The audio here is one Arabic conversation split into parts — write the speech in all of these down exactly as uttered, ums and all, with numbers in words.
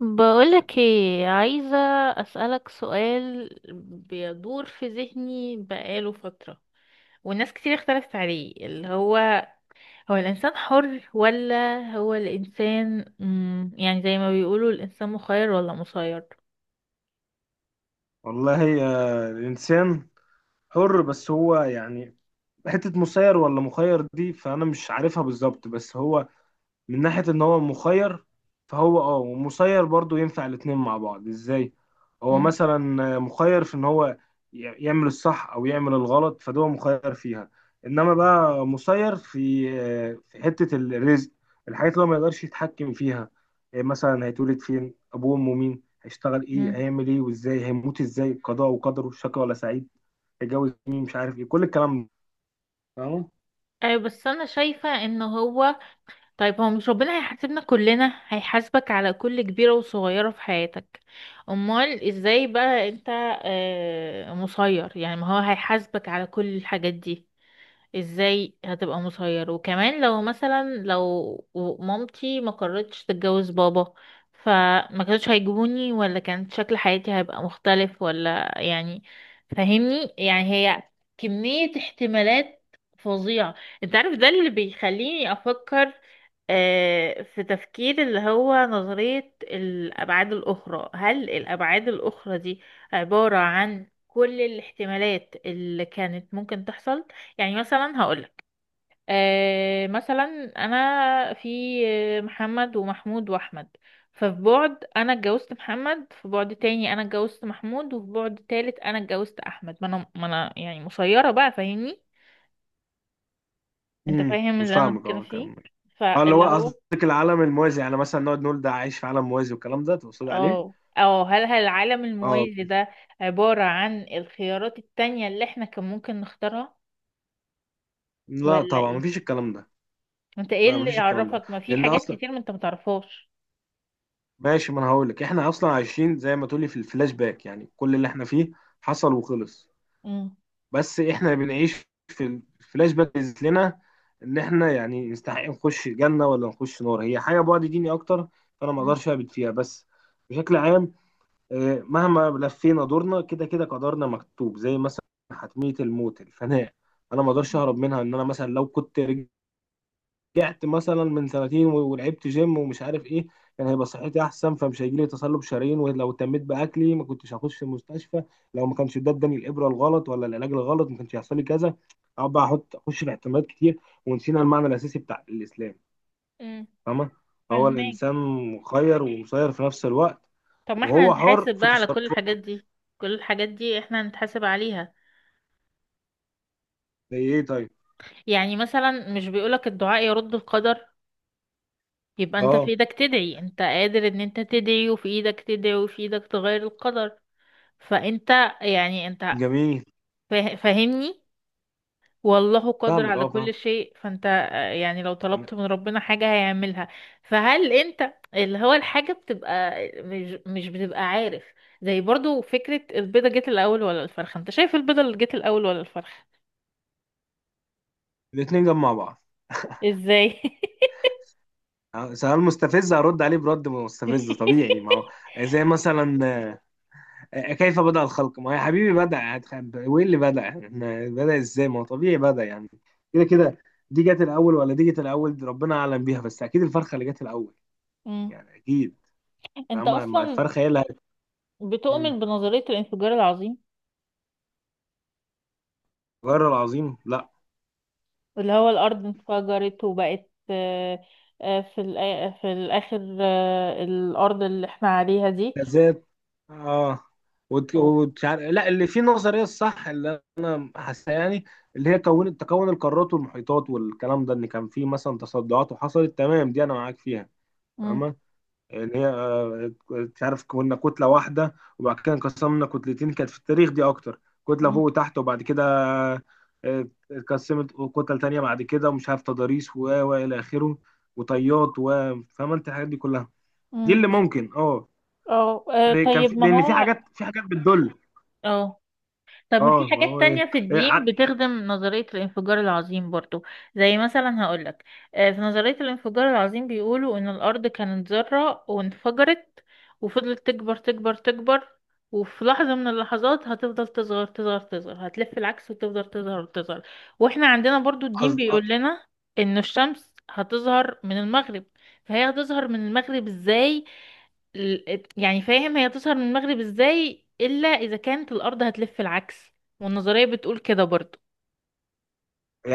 بقولك ايه عايزة، أسألك سؤال بيدور في ذهني بقاله فترة، والناس كتير اختلفت عليه، اللي هو هو الإنسان حر ولا هو الإنسان، مم يعني زي ما بيقولوا الإنسان مخير ولا مسير؟ والله، آه، الإنسان حر، بس هو يعني حتة مسير ولا مخير دي فأنا مش عارفها بالظبط. بس هو من ناحية ان هو مخير فهو اه ومسير، برضو ينفع الاتنين مع بعض ازاي. هو مم. مثلا مخير في ان هو ي- يعمل الصح او يعمل الغلط، فده هو مخير فيها. انما بقى مسير في آه، في حتة الرزق، الحاجات اللي هو ما يقدرش يتحكم فيها. إيه مثلا؟ هيتولد فين، ابوه وامه مين، هيشتغل ايه، مم. هيعمل ايه وازاي، هيموت ازاي، قضاء وقدره، شقي ولا سعيد، هيتجوز مين، مش عارف ايه كل الكلام ده. فاهمه؟ أيوة، بس أنا شايفة إن هو، طيب هو مش ربنا هيحاسبنا كلنا؟ هيحاسبك على كل كبيرة وصغيرة في حياتك. أمال إزاي بقى أنت آه، مسير؟ يعني ما هو هيحاسبك على كل الحاجات دي. ازاي هتبقى مسير؟ وكمان لو مثلا لو مامتي ما قررتش تتجوز بابا، فما كانوش هيجيبوني، ولا كان شكل حياتي هيبقى مختلف، ولا يعني فاهمني؟ يعني هي كمية احتمالات فظيعة. انت عارف ده اللي بيخليني افكر آه، في تفكير اللي هو نظرية الأبعاد الأخرى. هل الأبعاد الأخرى دي عبارة عن كل الاحتمالات اللي كانت ممكن تحصل؟ يعني مثلا هقولك، آه مثلا انا في آه، محمد ومحمود واحمد، ففي بعد انا اتجوزت محمد، في بعد تاني انا اتجوزت محمود، وفي بعد تالت انا اتجوزت احمد. ما انا ما انا يعني مسيرة بقى، فاهمني؟ انت مم. فاهم مش اللي انا فاهمك، بتكلم اه فيه؟ كمل. اه، اللي هو فاللي هو قصدك العالم الموازي، يعني مثلا نقعد نقول ده عايش في عالم موازي والكلام ده تقصد عليه؟ اه اه هل هل العالم اه، الموازي ده عبارة عن الخيارات التانية اللي احنا كان ممكن نختارها، لا ولا طبعا ايه؟ مفيش الكلام ده. انت ايه لا، اللي مفيش الكلام ده يعرفك؟ ما في لان حاجات اصلا كتير ما انت متعرفهاش. ماشي. ما انا هقول لك، احنا اصلا عايشين زي ما تقولي في الفلاش باك، يعني كل اللي احنا فيه حصل وخلص. مم. بس احنا بنعيش في الفلاش باك بيثبت لنا ان احنا يعني نستحق نخش جنة ولا نخش نار، هي حاجة بعد ديني اكتر فانا ما مم. اقدرش اثبت فيها. بس بشكل عام، آه، مهما لفينا دورنا كده كده قدرنا مكتوب، زي مثلا حتمية الموت، الفناء، انا ما اقدرش اهرب منها. ان انا مثلا لو كنت رجعت مثلا من سنتين و- ولعبت جيم ومش عارف ايه، كان هيبقى صحتي احسن فمش هيجيلي تصلب شرايين. ولو اهتميت باكلي ما كنتش هخش المستشفى. لو ما كانش ده اداني الابره الغلط ولا العلاج الغلط ما كانش هيحصل لي كذا. اقعد بقى احط اخش في احتمالات كتير ونسينا المعنى الاساسي بتاع الاسلام. مم. فاهمه؟ فهو فاهمين؟ الانسان مخير ومسير في نفس الوقت، طب ما احنا وهو حر نتحاسب في بقى على كل الحاجات تصرفاته. دي، كل الحاجات دي احنا نتحاسب عليها. زي ايه طيب؟ يعني مثلا مش بيقولك الدعاء يرد القدر؟ يبقى انت في اه ايدك تدعي، انت قادر ان انت تدعي، وفي ايدك تدعي، وفي ايدك تغير القدر. فانت يعني انت جميل. فا- فاهمني؟ والله قادر فاهمك، على اه فاهم. كل شيء. فانت آه، يعني لو طلبت من ربنا حاجة هيعملها. فهل انت اللي هو الحاجة بتبقى مش, مش بتبقى عارف؟ زي برضو فكرة البيضة جت الأول ولا الفرخة، انت شايف البيضة اللي جت الأول ولا الفرخة؟ الاثنين جنب مع بعض. ازاي؟ آه، سؤال مستفز هرد عليه برد مستفز طبيعي، ما هو زي مثلا آه، كيف بدأ الخلق، ما هو يا حبيبي بدأ. هتخ- وايه اللي بدأ إحنا، بدأ ازاي، ما هو طبيعي بدأ يعني كده كده. دي جت الأول ولا دي جت الأول، دي ربنا أعلم بيها، بس أكيد الفرخة اللي جت الأول، مم. يعني أكيد. انت فاهمة، ما اصلا الفرخة هي اللي هت- بتؤمن بنظرية الانفجار العظيم؟ غير العظيم، لا، اللي هو الأرض انفجرت وبقت، آه، آه، في الآ- في الآخر آه، الأرض اللي احنا عليها دي. بالذات. اه. وت- وت- لا، اللي فيه نظريه الصح اللي انا حاسه، يعني اللي هي كون تكون القارات والمحيطات والكلام ده، ان كان فيه مثلا تصدعات وحصلت، تمام دي انا معاك فيها. فاهمه؟ ان هي آه، مش عارف، كنا كتله واحده وبعد كده انقسمنا كتلتين، كانت في التاريخ دي اكتر، كتله فوق مم. وتحت، وبعد كده آه، اتقسمت كتل تانية بعد كده، ومش عارف تضاريس و و الى اخره، وطيات و فاهمه انت الحاجات دي كلها؟ دي مم. اللي ممكن اه. اه آه، لأن كان في طيب ما لان في هو، حاجات في حاجات بتدل. اه طب ما اه، في ما حاجات هو تانية ايه في إيه، الدين ع- بتخدم نظرية الانفجار العظيم برضو؟ زي مثلا هقولك، آه، في نظرية الانفجار العظيم بيقولوا ان الارض كانت ذرة وانفجرت، وفضلت تكبر تكبر تكبر، وفي لحظة من اللحظات هتفضل تصغر تصغر تصغر، هتلف العكس وتفضل تظهر وتظهر. واحنا عندنا برضو الدين قصد- آه، بيقول لنا ان الشمس هتظهر من المغرب. فهي هتظهر من المغرب ازاي؟ ال- يعني فاهم، هي تظهر من المغرب ازاي الا اذا كانت الارض هتلف العكس؟ والنظريه بتقول كده برضو.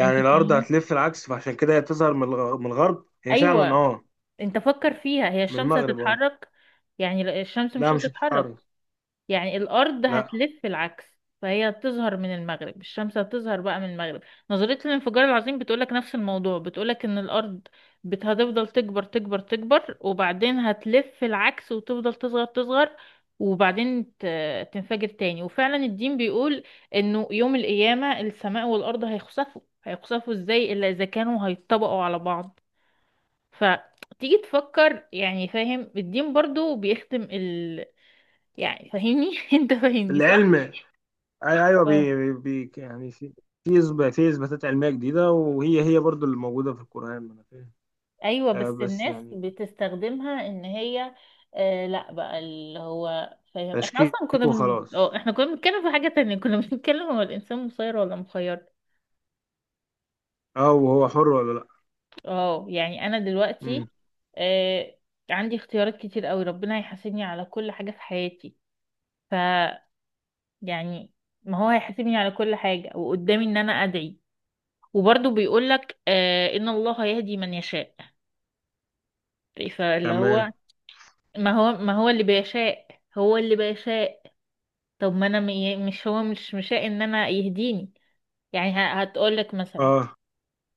انت الارض فاهمني؟ هتلف العكس فعشان كده هي تظهر من الغ- من الغرب. هي فعلا ايوه. اه، انت فكر فيها، هي من الشمس المغرب. اه، هتتحرك؟ يعني لا، الشمس مش لا مش هتتحرك. هتتحرك. يعني الأرض لا. هتلف العكس، فهي هتظهر من المغرب، الشمس هتظهر بقى من المغرب. نظرية الانفجار العظيم بتقولك نفس الموضوع، بتقولك إن الأرض بت- هتفضل تكبر تكبر تكبر، وبعدين هتلف العكس وتفضل تصغر تصغر، وبعدين ت- تنفجر تاني. وفعلا الدين بيقول إنه يوم القيامة السماء والأرض هيخسفوا، هيخسفوا إزاي إلا إذا كانوا هيتطبقوا على بعض؟ فتيجي تفكر، يعني فاهم، الدين برضو بيخدم ال... يعني فاهمني؟ انت فاهمني؟ العلم أي- ايوه، اه. بي بي يعني، في في إثبات- في اثباتات علميه جديده، وهي هي برضو اللي موجوده في القران، ما انا فاهم. ايوه، آه بس بس الناس يعني بتستخدمها ان هي آه لا بقى، اللي هو فاهم، احنا تشكيك اصلا كنا بن... وخلاص. اه احنا كنا بنتكلم في حاجة تانية كنا بنتكلم، هو الانسان مسير ولا مخير؟ اه، وهو حر ولا لا. اه يعني انا مم. دلوقتي آه عندي اختيارات كتير قوي، ربنا هيحاسبني على كل حاجة في حياتي. ف يعني ما هو هيحاسبني على كل حاجة، وقدامي ان انا ادعي. وبرضه بيقولك آه ان الله يهدي من يشاء. فاللي هو تمام. ما هو ما هو اللي بيشاء، هو اللي بيشاء. طب ما انا م- مش هو مش مشاء ان انا يهديني؟ يعني هتقول لك مثلا اه،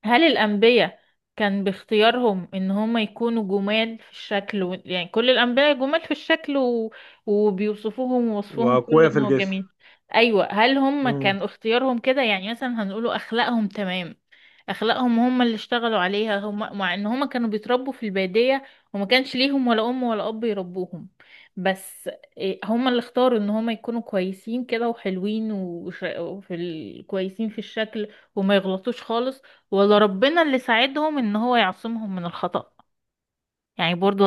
هل الأنبياء كان باختيارهم إن هم يكونوا جمال في الشكل و... يعني كل الأنبياء جمال في الشكل و... وبيوصفوهم ووصفهم كله واقوياء في إن هو الجسم. جميل. أيوة، هل هم مم. كان اختيارهم كده؟ يعني مثلا هنقوله أخلاقهم تمام، أخلاقهم هم اللي اشتغلوا عليها هم، مع إن هم كانوا بيتربوا في البادية وما كانش ليهم ولا أم ولا أب يربوهم. بس إيه، هم اللي اختاروا إن هم يكونوا كويسين كده وحلوين وش... وفي ال... كويسين في الشكل وما يغلطوش خالص؟ ولا ربنا اللي ساعدهم ان هو يعصمهم من الخطأ؟ يعني برضو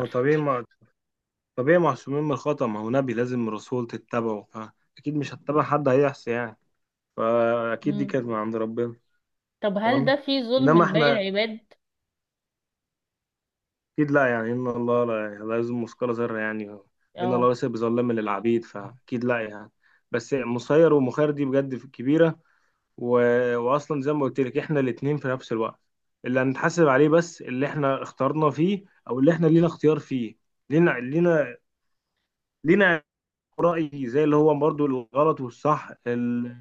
هو طبيعي، ما طبيعي معصومين من الخطأ، ما هو نبي لازم رسول تتبعه، فأكيد مش هتتبع حد هيعصي يعني، فأكيد دي مم. كانت من عند ربنا. طب هل ده تمام. فيه ظلم إنما لباقي إحنا العباد؟ أكيد لا، يعني إن الله لا, لا يظلم مثقال ذرة، يعني إن الله اه. ليس بظلام للعبيد، فأكيد لا يعني. بس مسير ومخير دي بجد كبيرة و... وأصلا زي ما قلت لك إحنا الاتنين في نفس الوقت، اللي هنتحاسب عليه بس اللي إحنا اخترنا فيه، أو اللي إحنا لينا اختيار فيه. لينا لينا لينا رأي، زي اللي هو برضو الغلط والصح، ال...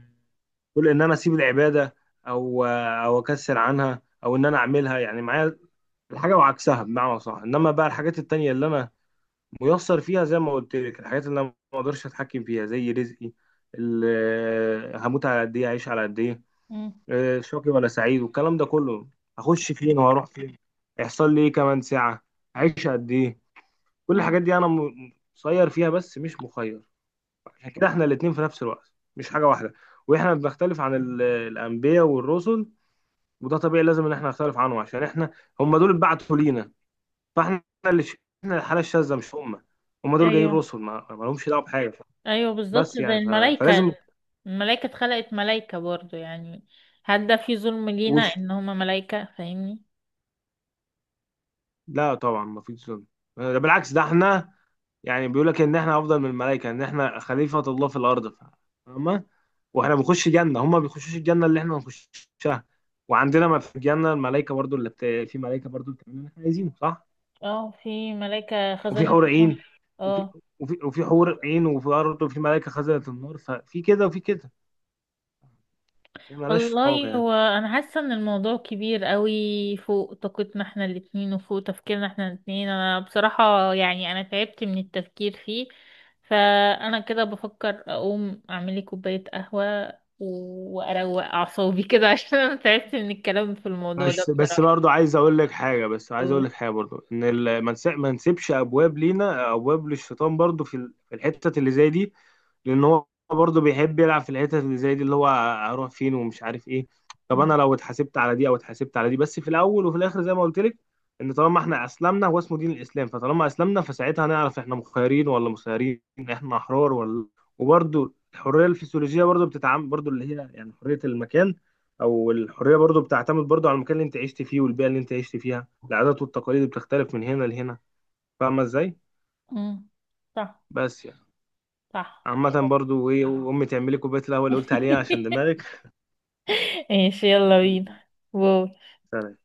كل ان انا اسيب العباده او او اكسر عنها او ان انا اعملها، يعني معايا الحاجه وعكسها بمعنى صح. انما بقى الحاجات التانية اللي انا ميسر فيها، زي ما قلت لك الحاجات اللي انا ما اقدرش اتحكم فيها زي رزقي، ال- هموت على قد ايه، اعيش على قد ايه، مم. آه، شقي ولا سعيد والكلام ده كله، هخش فين وهروح فين، هيحصل لي ايه كمان ساعه، اعيش قد ايه. كل مم. الحاجات دي انا م- مسير فيها بس مش مخير. عشان كده احنا الاتنين في نفس الوقت، مش حاجة واحدة. واحنا بنختلف عن ال- الأنبياء والرسل، وده طبيعي لازم ان احنا نختلف عنه، عشان احنا هم دول اتبعتوا لينا، فاحنا اللي ش... احنا الحالة الشاذة مش هم. هم دول جايين ايوه، رسل، ما, ما لهمش دعوة بحاجة ف- ايوه بالظبط بس زي يعني ف... فلازم. الملايكة، الملايكة اتخلقت ملايكة برضو، يعني هل ده فيه ظلم لينا وش ان هما ملايكة؟ فاهمني؟ لا طبعا ما فيش ظلم، ده بالعكس، ده احنا يعني بيقول لك ان احنا افضل من الملائكه، ان احنا خليفه الله في الارض. فاهمه؟ واحنا بنخش جنه، هم ما بيخشوش الجنه اللي احنا بنخشها. وعندنا ما في الجنه الملائكه برضو اللي بت... في ملائكه برضو بتعمل اللي احنا عايزينه صح. اه، في ملايكة وفي خزنة حور النار. عين. وفي اه. وفي وفي حور عين. وفي برضه في ملائكه خزنه النار، ففي كده وفي كده، هي مالهاش علاقه والله، يعني. هو انا حاسه ان الموضوع كبير قوي فوق طاقتنا احنا الاتنين، وفوق تفكيرنا احنا الاتنين. انا بصراحه يعني انا تعبت من التفكير فيه. فانا كده بفكر اقوم اعمل لي كوبايه قهوه و- واروق اعصابي كده عشان انا تعبت من الكلام في الموضوع ده بس بس بصراحه. برضه عايز اقول لك حاجه، بس عايز اقول و- لك حاجه برضه، ان ال- ما نس- ما نسيبش ابواب لينا، ابواب للشيطان برضه في ال- في الحتت اللي زي دي. لان هو برضه بيحب يلعب في الحتت اللي زي دي، اللي هو هروح فين ومش عارف ايه. طب م- انا لو اتحاسبت على دي او اتحاسبت على دي، بس في الاول وفي الاخر زي ما قلت لك، ان طالما احنا اسلمنا، هو اسمه دين الاسلام فطالما اسلمنا فساعتها هنعرف احنا مخيرين ولا مسيرين، احنا احرار ولا. وبرضه الحريه الفسيولوجيه برضه بتتعامل برضه، اللي هي يعني حريه المكان. او الحريه برضو بتعتمد برضو على المكان اللي انت عشت فيه والبيئه اللي انت عشت فيها، العادات والتقاليد بتختلف من هنا لهنا. فاهمه ازاي؟ م. صح. بس يعني صح. عامه برضو ايه، امي تعملي كوبايه القهوه اللي قلت عليها عشان دماغك. ماشي، يلا بينا. باي. سلام.